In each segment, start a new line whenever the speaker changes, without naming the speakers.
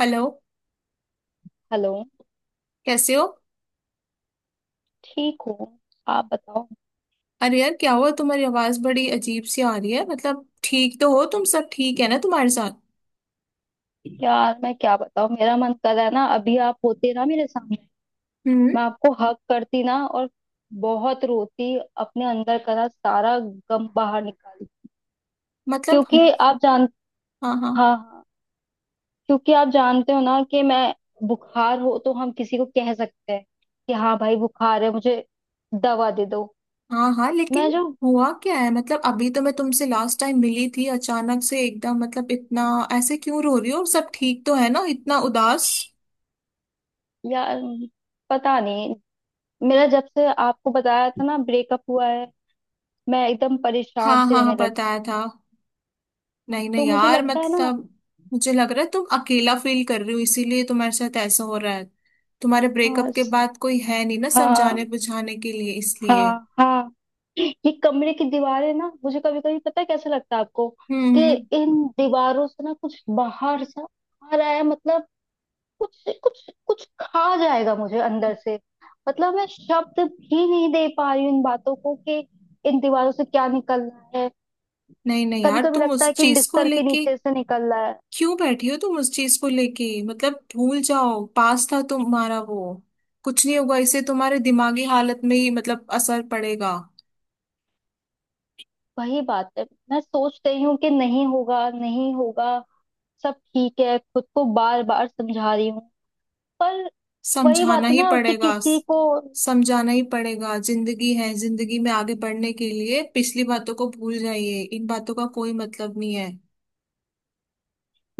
Hello.
Hello.
कैसे हो?
ठीक हूँ। आप बताओ।
अरे यार क्या हुआ, तुम्हारी आवाज बड़ी अजीब सी आ रही है। मतलब ठीक तो हो तुम? सब ठीक है ना तुम्हारे साथ?
यार मैं क्या बताऊँ, मेरा मन कर रहा है ना अभी आप होते ना मेरे सामने।
हम्म।
मैं आपको हक करती ना, और बहुत रोती, अपने अंदर का ना सारा गम बाहर निकाली।
मतलब?
क्योंकि आप जान।
हाँ हाँ।
हाँ हाँ। क्योंकि आप जानते हो ना कि मैं। बुखार हो तो हम किसी को कह सकते हैं कि हाँ भाई बुखार है मुझे, दवा दे दो।
हाँ हाँ
मैं
लेकिन
जो।
हुआ क्या है? मतलब अभी तो मैं तुमसे लास्ट टाइम मिली थी, अचानक से एकदम मतलब इतना ऐसे क्यों रो रही हो? सब ठीक तो है ना? इतना उदास!
यार पता नहीं, मेरा जब से आपको बताया था ना ब्रेकअप हुआ है, मैं एकदम परेशान
हाँ
सी
हाँ हाँ,
रहने लगी हूँ।
बताया था। नहीं
तो
नहीं
मुझे
यार,
लगता है ना।
मतलब मुझे लग रहा है तुम अकेला फील कर रही हो, इसीलिए तुम्हारे साथ ऐसा हो रहा है। तुम्हारे
हाँ
ब्रेकअप के बाद कोई है नहीं ना समझाने
हाँ।
बुझाने के लिए, इसलिए।
हाँ हाँ। ये कमरे की दीवारें ना, मुझे कभी कभी, पता है कैसे लगता है आपको,
हम्म
कि
हम्म।
इन दीवारों से ना कुछ बाहर सा आ रहा है। मतलब कुछ कुछ कुछ खा जाएगा मुझे अंदर से। मतलब मैं शब्द भी नहीं दे पा रही हूँ इन बातों को, कि इन दीवारों से क्या निकल रहा है।
नहीं नहीं
कभी
यार,
कभी
तुम
लगता
उस
है कि
चीज को
बिस्तर के
लेके
नीचे से निकल रहा है।
क्यों बैठी हो? तुम उस चीज को लेके मतलब भूल जाओ, पास था तुम्हारा वो। कुछ नहीं होगा, इससे तुम्हारे दिमागी हालत में ही मतलब असर पड़ेगा।
वही बात है। मैं सोच रही हूँ कि नहीं होगा, नहीं होगा, सब ठीक है, खुद को बार बार समझा रही हूँ। पर वही बात
समझाना
है
ही
ना कि
पड़ेगा।
किसी को।
समझाना ही पड़ेगा, जिंदगी है, जिंदगी में आगे बढ़ने के लिए पिछली बातों को भूल जाइए। इन बातों का कोई मतलब नहीं है।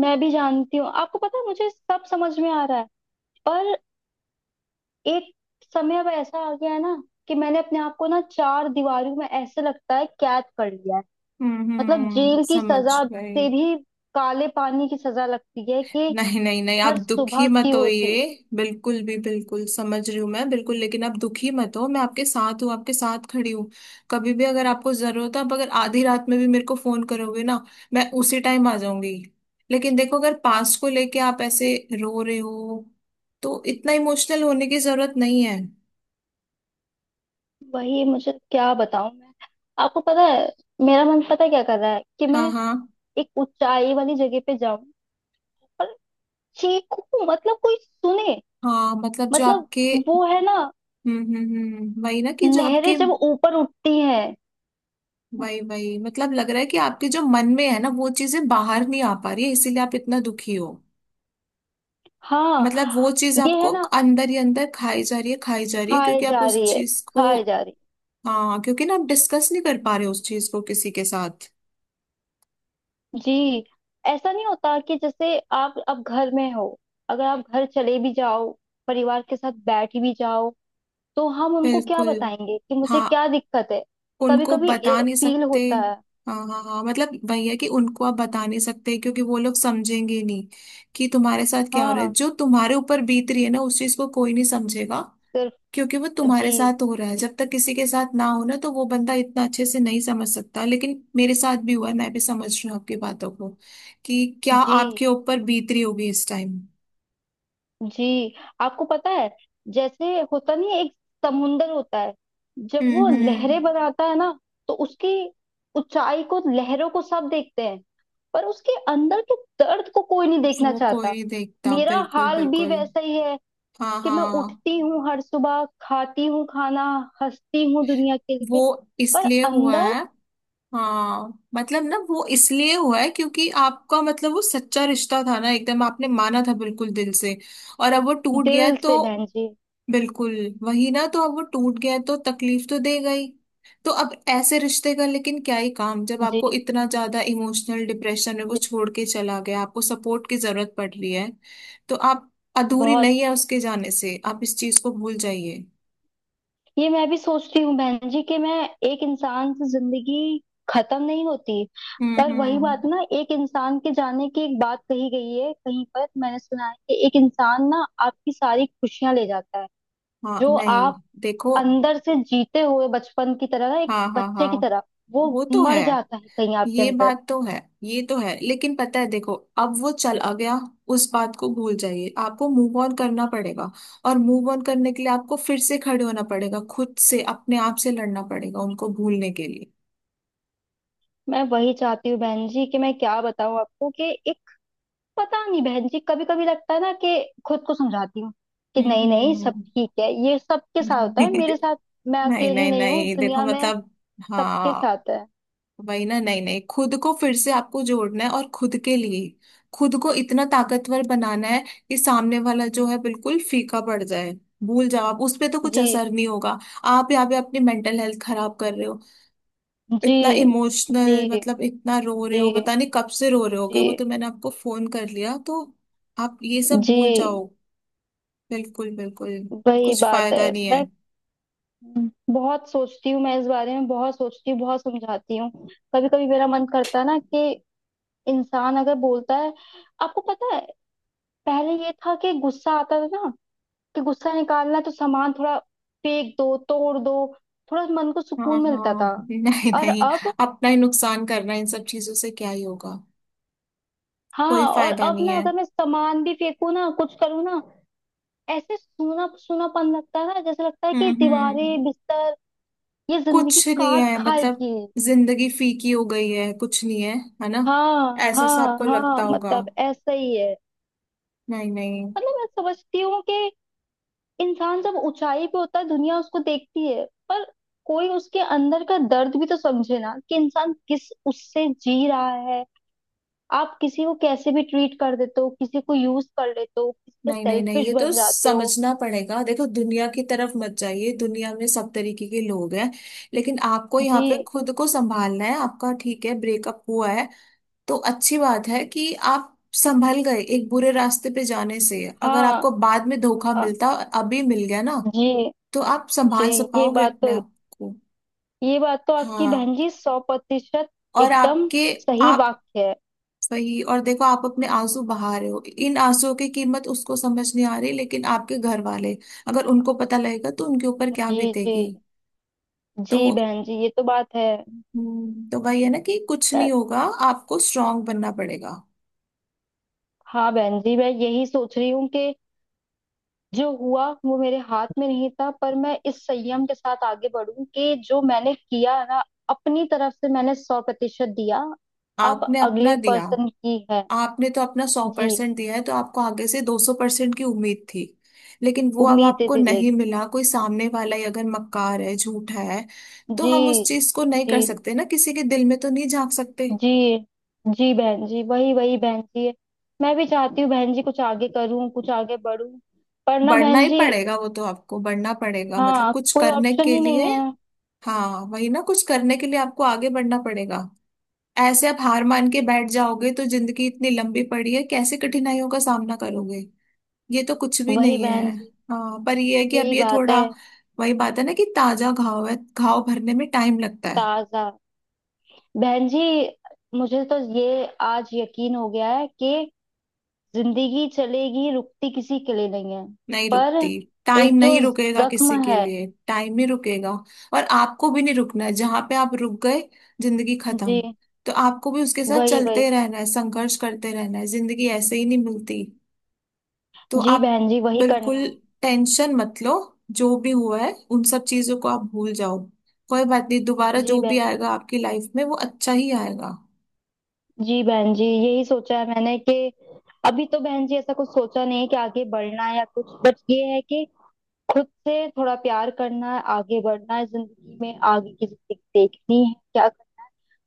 मैं भी जानती हूँ, आपको पता है, मुझे सब समझ में आ रहा है। पर एक समय अब ऐसा आ गया है ना, कि मैंने अपने आप को ना चार दीवारों में ऐसे लगता है कैद कर लिया है। मतलब
हम्म,
जेल की
समझ
सजा
गई।
से भी काले पानी की सजा लगती है, कि
नहीं नहीं नहीं आप
हर
दुखी
सुबह की
मत हो, ये
होती है।
बिल्कुल भी, बिल्कुल समझ रही हूँ मैं, बिल्कुल। लेकिन आप दुखी मत हो, मैं आपके साथ हूँ, आपके साथ खड़ी हूँ। कभी भी अगर आपको जरूरत है, आप अगर आधी रात में भी मेरे को फोन करोगे ना, मैं उसी टाइम आ जाऊंगी। लेकिन देखो, अगर पास को लेके आप ऐसे रो रहे हो, तो इतना इमोशनल होने की जरूरत नहीं है।
वही मुझे क्या बताऊं मैं। आपको पता है, मेरा मन पता है क्या कर रहा है, कि
हाँ
मैं
हाँ
एक ऊंचाई वाली जगह पे जाऊं, चीखू, मतलब कोई सुने।
हाँ मतलब जो
मतलब
आपके,
वो है ना,
हम्म, वही ना कि जो
लहरें
आपके,
जब ऊपर उठती हैं।
वही वही मतलब लग रहा है कि आपके जो मन में है ना वो चीजें बाहर नहीं आ पा रही है, इसीलिए आप इतना दुखी हो।
हाँ
मतलब वो चीज
ये है
आपको
ना।
अंदर ही अंदर खाई जा रही है, खाई जा रही है
खाए
क्योंकि आप
जा
उस
रही है,
चीज को।
खाए जा रही
हाँ, क्योंकि ना आप डिस्कस नहीं कर पा रहे उस चीज को किसी के साथ।
है। जी। ऐसा नहीं होता कि जैसे आप अब घर में हो, अगर आप घर चले भी जाओ, परिवार के साथ बैठ भी जाओ, तो हम उनको क्या
बिल्कुल।
बताएंगे कि मुझे
हाँ,
क्या दिक्कत है। कभी
उनको
कभी
बता नहीं
फील
सकते।
होता है।
हाँ हाँ हाँ, मतलब वही है कि उनको आप बता नहीं सकते क्योंकि वो लोग समझेंगे नहीं कि तुम्हारे साथ क्या हो रहा है।
हाँ।
जो तुम्हारे ऊपर बीत रही है ना, उस चीज को कोई नहीं समझेगा
सिर्फ।
क्योंकि वो
जी
तुम्हारे साथ हो रहा है। जब तक किसी के साथ ना हो ना, तो वो बंदा इतना अच्छे से नहीं समझ सकता। लेकिन मेरे साथ भी हुआ है, मैं भी समझ रही हूँ आपकी बातों को कि क्या
जी।
आपके ऊपर बीत रही होगी इस टाइम।
जी। आपको पता है, जैसे होता नहीं है, एक समुंदर होता है, जब वो
हम्म।
लहरें बनाता है ना, तो उसकी ऊंचाई को, लहरों को, सब देखते हैं, पर उसके अंदर के दर्द को कोई नहीं देखना
वो कोई
चाहता।
नहीं देखता,
मेरा
बिल्कुल
हाल भी
बिल्कुल।
वैसा ही है,
हाँ
कि मैं
हाँ,
उठती हूँ हर सुबह, खाती हूँ खाना, हंसती हूँ दुनिया के
वो
लिए, पर
इसलिए हुआ
अंदर।
है। हाँ मतलब ना वो इसलिए हुआ है क्योंकि आपका मतलब वो सच्चा रिश्ता था ना, एकदम आपने माना था बिल्कुल दिल से। और अब वो टूट गया है,
दिल से
तो
बहन जी।
बिल्कुल। वही ना, तो अब वो टूट गया है, तो तकलीफ तो देगा ही। तो अब ऐसे रिश्ते का लेकिन क्या ही काम, जब
जी
आपको इतना ज्यादा इमोशनल डिप्रेशन में वो
जी।
छोड़ के चला गया, आपको सपोर्ट की जरूरत पड़ रही है। तो आप अधूरी
बहुत।
नहीं है उसके जाने से, आप इस चीज को भूल जाइए।
ये मैं भी सोचती हूँ बहन जी, कि मैं एक इंसान से जिंदगी खत्म नहीं होती। पर वही
हम्म।
बात ना, एक इंसान के जाने की एक बात कही गई है, कहीं पर मैंने सुना है, कि एक इंसान ना आपकी सारी खुशियां ले जाता है।
हाँ
जो
नहीं,
आप
देखो।
अंदर से जीते हुए बचपन की तरह ना, एक
हाँ हाँ
बच्चे
हाँ,
की तरह, वो
वो तो है।
मर जाता है कहीं आपके
ये
अंदर।
बात तो है। ये तो है, लेकिन पता है, देखो अब वो चला गया, उस बात को भूल जाइए, आपको मूव ऑन करना पड़ेगा। और मूव ऑन करने के लिए आपको फिर से खड़े होना पड़ेगा, खुद से, अपने आप से लड़ना पड़ेगा उनको भूलने के लिए।
मैं वही चाहती हूँ बहन जी, कि मैं क्या बताऊँ आपको कि एक। पता नहीं बहन जी, कभी कभी लगता है ना कि, खुद को समझाती हूँ कि नहीं नहीं सब
हम्म
ठीक है, ये सबके साथ होता
हम्म।
है, मेरे साथ। मैं
नहीं
अकेली
नहीं
नहीं हूँ
नहीं देखो,
दुनिया में।
मतलब
सबके
हाँ,
साथ है।
वही ना। नहीं नहीं, खुद को फिर से आपको जोड़ना है, और खुद के लिए खुद को इतना ताकतवर बनाना है कि सामने वाला जो है बिल्कुल फीका पड़ जाए। भूल जाओ आप, उस पे तो कुछ
जी
असर नहीं होगा। आप यहाँ पे अपनी मेंटल हेल्थ खराब कर रहे हो।
जी।
इतना इमोशनल,
जी
मतलब इतना रो रहे हो,
जी।
पता नहीं कब से रो रहे होगे,
जी
वो तो मैंने आपको फोन कर लिया तो। आप ये सब
जी।
भूल जाओ। बिल्कुल बिल्कुल,
वही
कुछ
बात है।
फायदा नहीं है।
मैं बहुत सोचती हूँ, मैं इस बारे में बहुत सोचती हूँ, बहुत समझाती हूँ। कभी कभी मेरा मन करता है ना कि, इंसान अगर बोलता है। आपको पता है, पहले ये था कि गुस्सा आता था ना, कि गुस्सा निकालना है तो सामान थोड़ा फेंक दो, तोड़ दो, थोड़ा मन को
हाँ
सुकून मिलता
हाँ
था।
नहीं
और
नहीं,
अब।
अपना ही नुकसान करना, इन सब चीजों से क्या ही होगा? कोई
हाँ, और
फायदा
अब
नहीं
ना
है।
अगर मैं सामान भी फेंकू ना, कुछ करूँ ना, ऐसे सूना सूनापन लगता है, जैसे लगता है कि
हम्म,
दीवारें, बिस्तर, ये जिंदगी
कुछ नहीं
काट
है मतलब।
खाएगी।
जिंदगी फीकी हो गई है, कुछ नहीं है, है ना?
हाँ
ऐसा सा
हाँ
आपको
हाँ,
लगता होगा।
मतलब ऐसा ही है।
नहीं नहीं
मतलब मैं समझती हूँ कि, इंसान जब ऊंचाई पे होता है, दुनिया उसको देखती है, पर कोई उसके अंदर का दर्द भी तो समझे ना, कि इंसान किस उससे जी रहा है। आप किसी को कैसे भी ट्रीट कर देते हो, किसी को यूज कर लेते हो, किसी के
नहीं नहीं नहीं
सेल्फिश
ये तो
बन जाते हो।
समझना पड़ेगा, देखो दुनिया की तरफ मत जाइए, दुनिया में सब तरीके के लोग हैं। लेकिन आपको यहाँ पे
जी।
खुद को संभालना है। आपका ठीक है, ब्रेकअप हुआ है तो अच्छी बात है कि आप संभल गए, एक बुरे रास्ते पे जाने से। अगर
हाँ
आपको बाद में धोखा
हाँ।
मिलता, अभी मिल गया ना,
जी
तो आप
जी।
संभाल सक
ये
पाओगे
बात
अपने
तो।
आप को।
ये बात तो आपकी बहन
हाँ,
जी सौ प्रतिशत
और
एकदम
आपके
सही
आप
वाक्य है।
वही। और देखो, आप अपने आंसू बहा रहे हो, इन आंसुओं की कीमत उसको समझ नहीं आ रही, लेकिन आपके घर वाले अगर उनको पता लगेगा तो उनके ऊपर क्या
जी जी।
बीतेगी?
जी
तो
बहन जी ये तो बात है।
तो वही है ना कि कुछ
मैं।
नहीं होगा, आपको स्ट्रांग बनना पड़ेगा।
हाँ बहन जी मैं यही सोच रही हूँ कि, जो हुआ वो मेरे हाथ में नहीं था, पर मैं इस संयम के साथ आगे बढूं कि जो मैंने किया है ना, अपनी तरफ से मैंने सौ प्रतिशत दिया। अब
आपने
अगले
अपना दिया,
पर्सन की है।
आपने तो अपना सौ
जी।
परसेंट दिया है, तो आपको आगे से 200 परसेंट की उम्मीद थी। लेकिन वो अब
उम्मीदें
आपको नहीं
दिलेगी।
मिला, कोई सामने वाला ही अगर मक्कार है, झूठा है, तो
जी
हम उस चीज को नहीं
जी
कर सकते ना, किसी के दिल में तो नहीं झांक सकते।
जी। जी बहन जी, वही वही बहन जी। मैं भी चाहती हूँ बहन जी, कुछ आगे करूँ, कुछ आगे बढूं। पर ना
बढ़ना
बहन
ही
जी।
पड़ेगा, वो तो आपको बढ़ना पड़ेगा मतलब
हाँ
कुछ
कोई
करने
ऑप्शन
के
ही नहीं
लिए।
है।
हाँ वही ना, कुछ करने के लिए आपको आगे बढ़ना पड़ेगा। ऐसे आप हार मान के बैठ जाओगे, तो जिंदगी इतनी लंबी पड़ी है, कैसे कठिनाइयों का सामना करोगे? ये तो कुछ भी
वही
नहीं
बहन
है।
जी।
हाँ, पर ये है कि अब
यही
ये
बात
थोड़ा,
है।
वही बात है ना कि ताजा घाव है, घाव भरने में टाइम लगता है।
ताजा। बहन जी मुझे तो ये आज यकीन हो गया है कि, जिंदगी चलेगी, रुकती किसी के लिए नहीं है।
नहीं
पर
रुकती।
एक
टाइम
जो
नहीं रुकेगा किसी
जख्म
के
है।
लिए, टाइम ही रुकेगा। और आपको भी नहीं रुकना है, जहां पे आप रुक गए, जिंदगी खत्म।
जी।
तो आपको भी उसके साथ
वही
चलते
वही।
रहना है, संघर्ष करते रहना है, जिंदगी ऐसे ही नहीं मिलती। तो
जी
आप
बहन जी वही
बिल्कुल
करना है।
टेंशन मत लो, जो भी हुआ है उन सब चीजों को आप भूल जाओ। कोई बात नहीं, दोबारा
जी
जो भी
बहन
आएगा आपकी लाइफ में वो अच्छा ही आएगा।
जी। जी बहन जी यही सोचा है मैंने, कि अभी तो बहन जी ऐसा कुछ सोचा नहीं है कि आगे बढ़ना है या कुछ, बट ये है कि खुद से थोड़ा प्यार करना है, आगे बढ़ना है, जिंदगी में आगे की जिंदगी देखनी है क्या।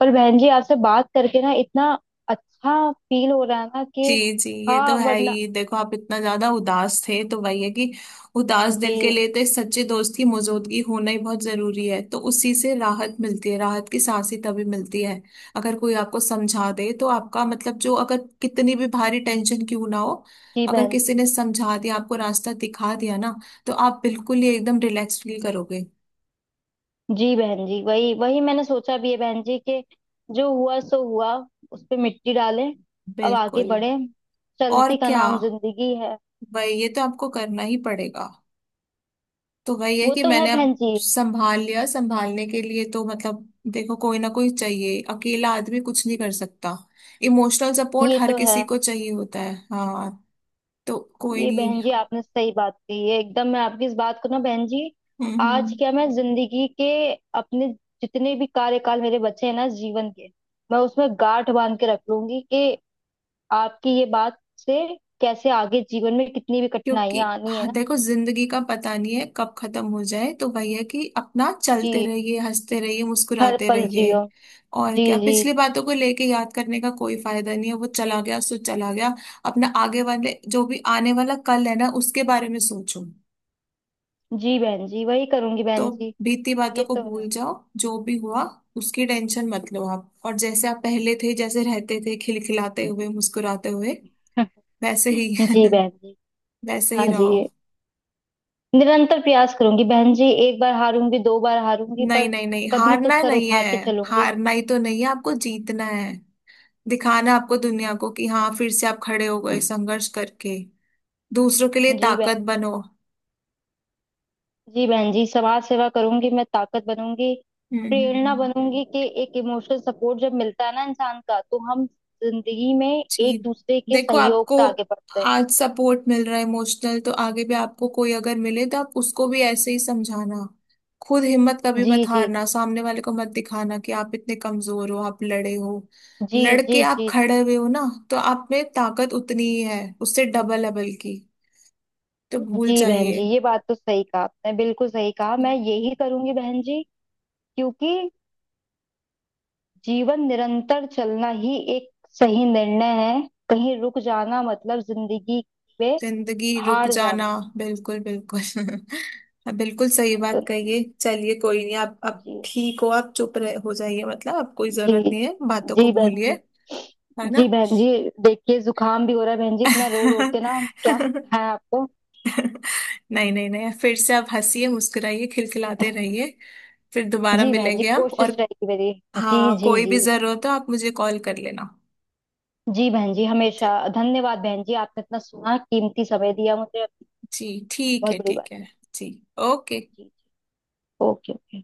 पर बहन जी आपसे बात करके ना इतना अच्छा फील हो रहा है ना
जी
कि।
जी, ये तो
हाँ
है
वरना।
ही, देखो आप इतना ज्यादा उदास थे, तो वही है कि उदास
जी
दिल के लिए तो एक सच्चे दोस्त की मौजूदगी होना ही बहुत जरूरी है। तो उसी से राहत मिलती है, राहत की सांस ही तभी मिलती है, अगर कोई आपको समझा दे, तो आपका मतलब जो, अगर कितनी भी भारी टेंशन क्यों ना हो,
जी
अगर
बहन जी।
किसी ने समझा दिया आपको, रास्ता दिखा दिया ना, तो आप बिल्कुल ही एकदम रिलैक्स फील करोगे।
जी बहन जी, वही वही मैंने सोचा भी है बहन जी कि, जो हुआ सो हुआ, उस पे मिट्टी डालें, अब आगे
बिल्कुल,
बढ़े,
और
चलती का
क्या।
नाम जिंदगी है।
वही, ये तो आपको करना ही पड़ेगा। तो वही है
वो
कि
तो है
मैंने अब
बहन जी।
संभाल लिया, संभालने के लिए तो मतलब देखो कोई ना कोई चाहिए, अकेला आदमी कुछ नहीं कर सकता। इमोशनल सपोर्ट
ये
हर
तो है।
किसी को चाहिए होता है, हाँ। तो कोई
ये
नहीं।
बहन जी आपने सही बात कही है एकदम, मैं आपकी इस बात को ना बहन जी,
हम्म
आज
हम्म।
क्या मैं जिंदगी के अपने जितने भी कार्यकाल मेरे बचे हैं ना जीवन के, मैं उसमें गांठ बांध के रख लूंगी कि, आपकी ये बात से कैसे आगे जीवन में कितनी भी
क्योंकि
कठिनाइयां आनी है
हाँ,
ना।
देखो जिंदगी का पता नहीं है कब खत्म हो जाए, तो वही है कि अपना चलते
जी।
रहिए, हंसते रहिए,
हर
मुस्कुराते
पल
रहिए।
जियो।
और
जी
क्या,
जी
पिछली
जी।
बातों को लेके याद करने का कोई फायदा नहीं है, वो चला गया सो चला गया। अपना आगे वाले जो भी आने वाला कल है ना, उसके बारे में सोचो।
जी बहन जी वही करूंगी बहन
तो
जी।
बीती बातों
ये
को
तो
भूल जाओ, जो भी हुआ उसकी टेंशन मत लो आप, और जैसे आप पहले थे, जैसे रहते थे खिलखिलाते हुए, मुस्कुराते हुए,
है।
वैसे ही
जी बहन जी।
वैसे ही
हाँ जी।
रहो।
निरंतर प्रयास करूंगी बहन जी, एक बार हारूंगी, दो बार हारूंगी,
नहीं
पर
नहीं नहीं,
कभी तो
हारना
सर
नहीं है,
उठा के चलूंगी।
हारना ही तो नहीं है, आपको जीतना है। दिखाना है आपको दुनिया को कि हाँ, फिर से आप खड़े हो गए संघर्ष करके। दूसरों के लिए
जी बहन
ताकत
जी।
बनो।
जी बहन जी समाज सेवा करूंगी, मैं ताकत बनूंगी,
हम्म हम्म,
प्रेरणा
हम्म।
बनूंगी, कि एक इमोशनल सपोर्ट जब मिलता है ना इंसान का, तो हम जिंदगी में
जी,
एक दूसरे के
देखो
सहयोग
आपको
से आगे बढ़ते हैं।
आज सपोर्ट मिल रहा है इमोशनल, तो आगे भी आपको कोई अगर मिले, तो आप उसको भी ऐसे ही समझाना। खुद हिम्मत कभी
जी
मत
जी
हारना, सामने वाले को मत दिखाना कि आप इतने कमजोर हो, आप लड़े हो,
जी।
लड़के
जी
आप
जी। जी
खड़े हुए हो ना, तो आप में ताकत उतनी ही है, उससे डबल है बल्कि। तो भूल
जी बहन जी
जाइए।
ये बात तो सही कहा आपने, बिल्कुल सही कहा, मैं यही करूंगी बहन जी, क्योंकि जीवन निरंतर चलना ही एक सही निर्णय है। कहीं रुक जाना मतलब जिंदगी में
जिंदगी रुक
हार
जाना,
जाना।
बिल्कुल बिल्कुल हाँ, बिल्कुल सही
मैं तो
बात
नहीं।
कहिए। चलिए कोई नहीं, आप आप
जी
ठीक हो, आप चुप रह हो जाइए, मतलब आप कोई जरूरत
जी
नहीं है, बातों को
जी बहन
भूलिए,
जी।
है ना?
जी बहन जी देखिए जुकाम भी हो रहा है बहन जी, इतना रो रो के ना, क्या है आपको।
नहीं नहीं नहीं, फिर से आप हंसिए, मुस्कुराइए, खिलखिलाते रहिए। फिर दोबारा
जी बहन जी
मिलेंगे हम,
कोशिश
और
रहेगी मेरी। जी
हाँ,
जी
कोई भी
जी।
जरूरत हो आप मुझे कॉल कर लेना।
जी बहन जी हमेशा।
जी
धन्यवाद बहन जी आपने इतना सुना, कीमती समय दिया मुझे,
जी, ठीक
बहुत
है
बड़ी बात
ठीक है।
है।
जी, ओके।
जी जी। Okay okay.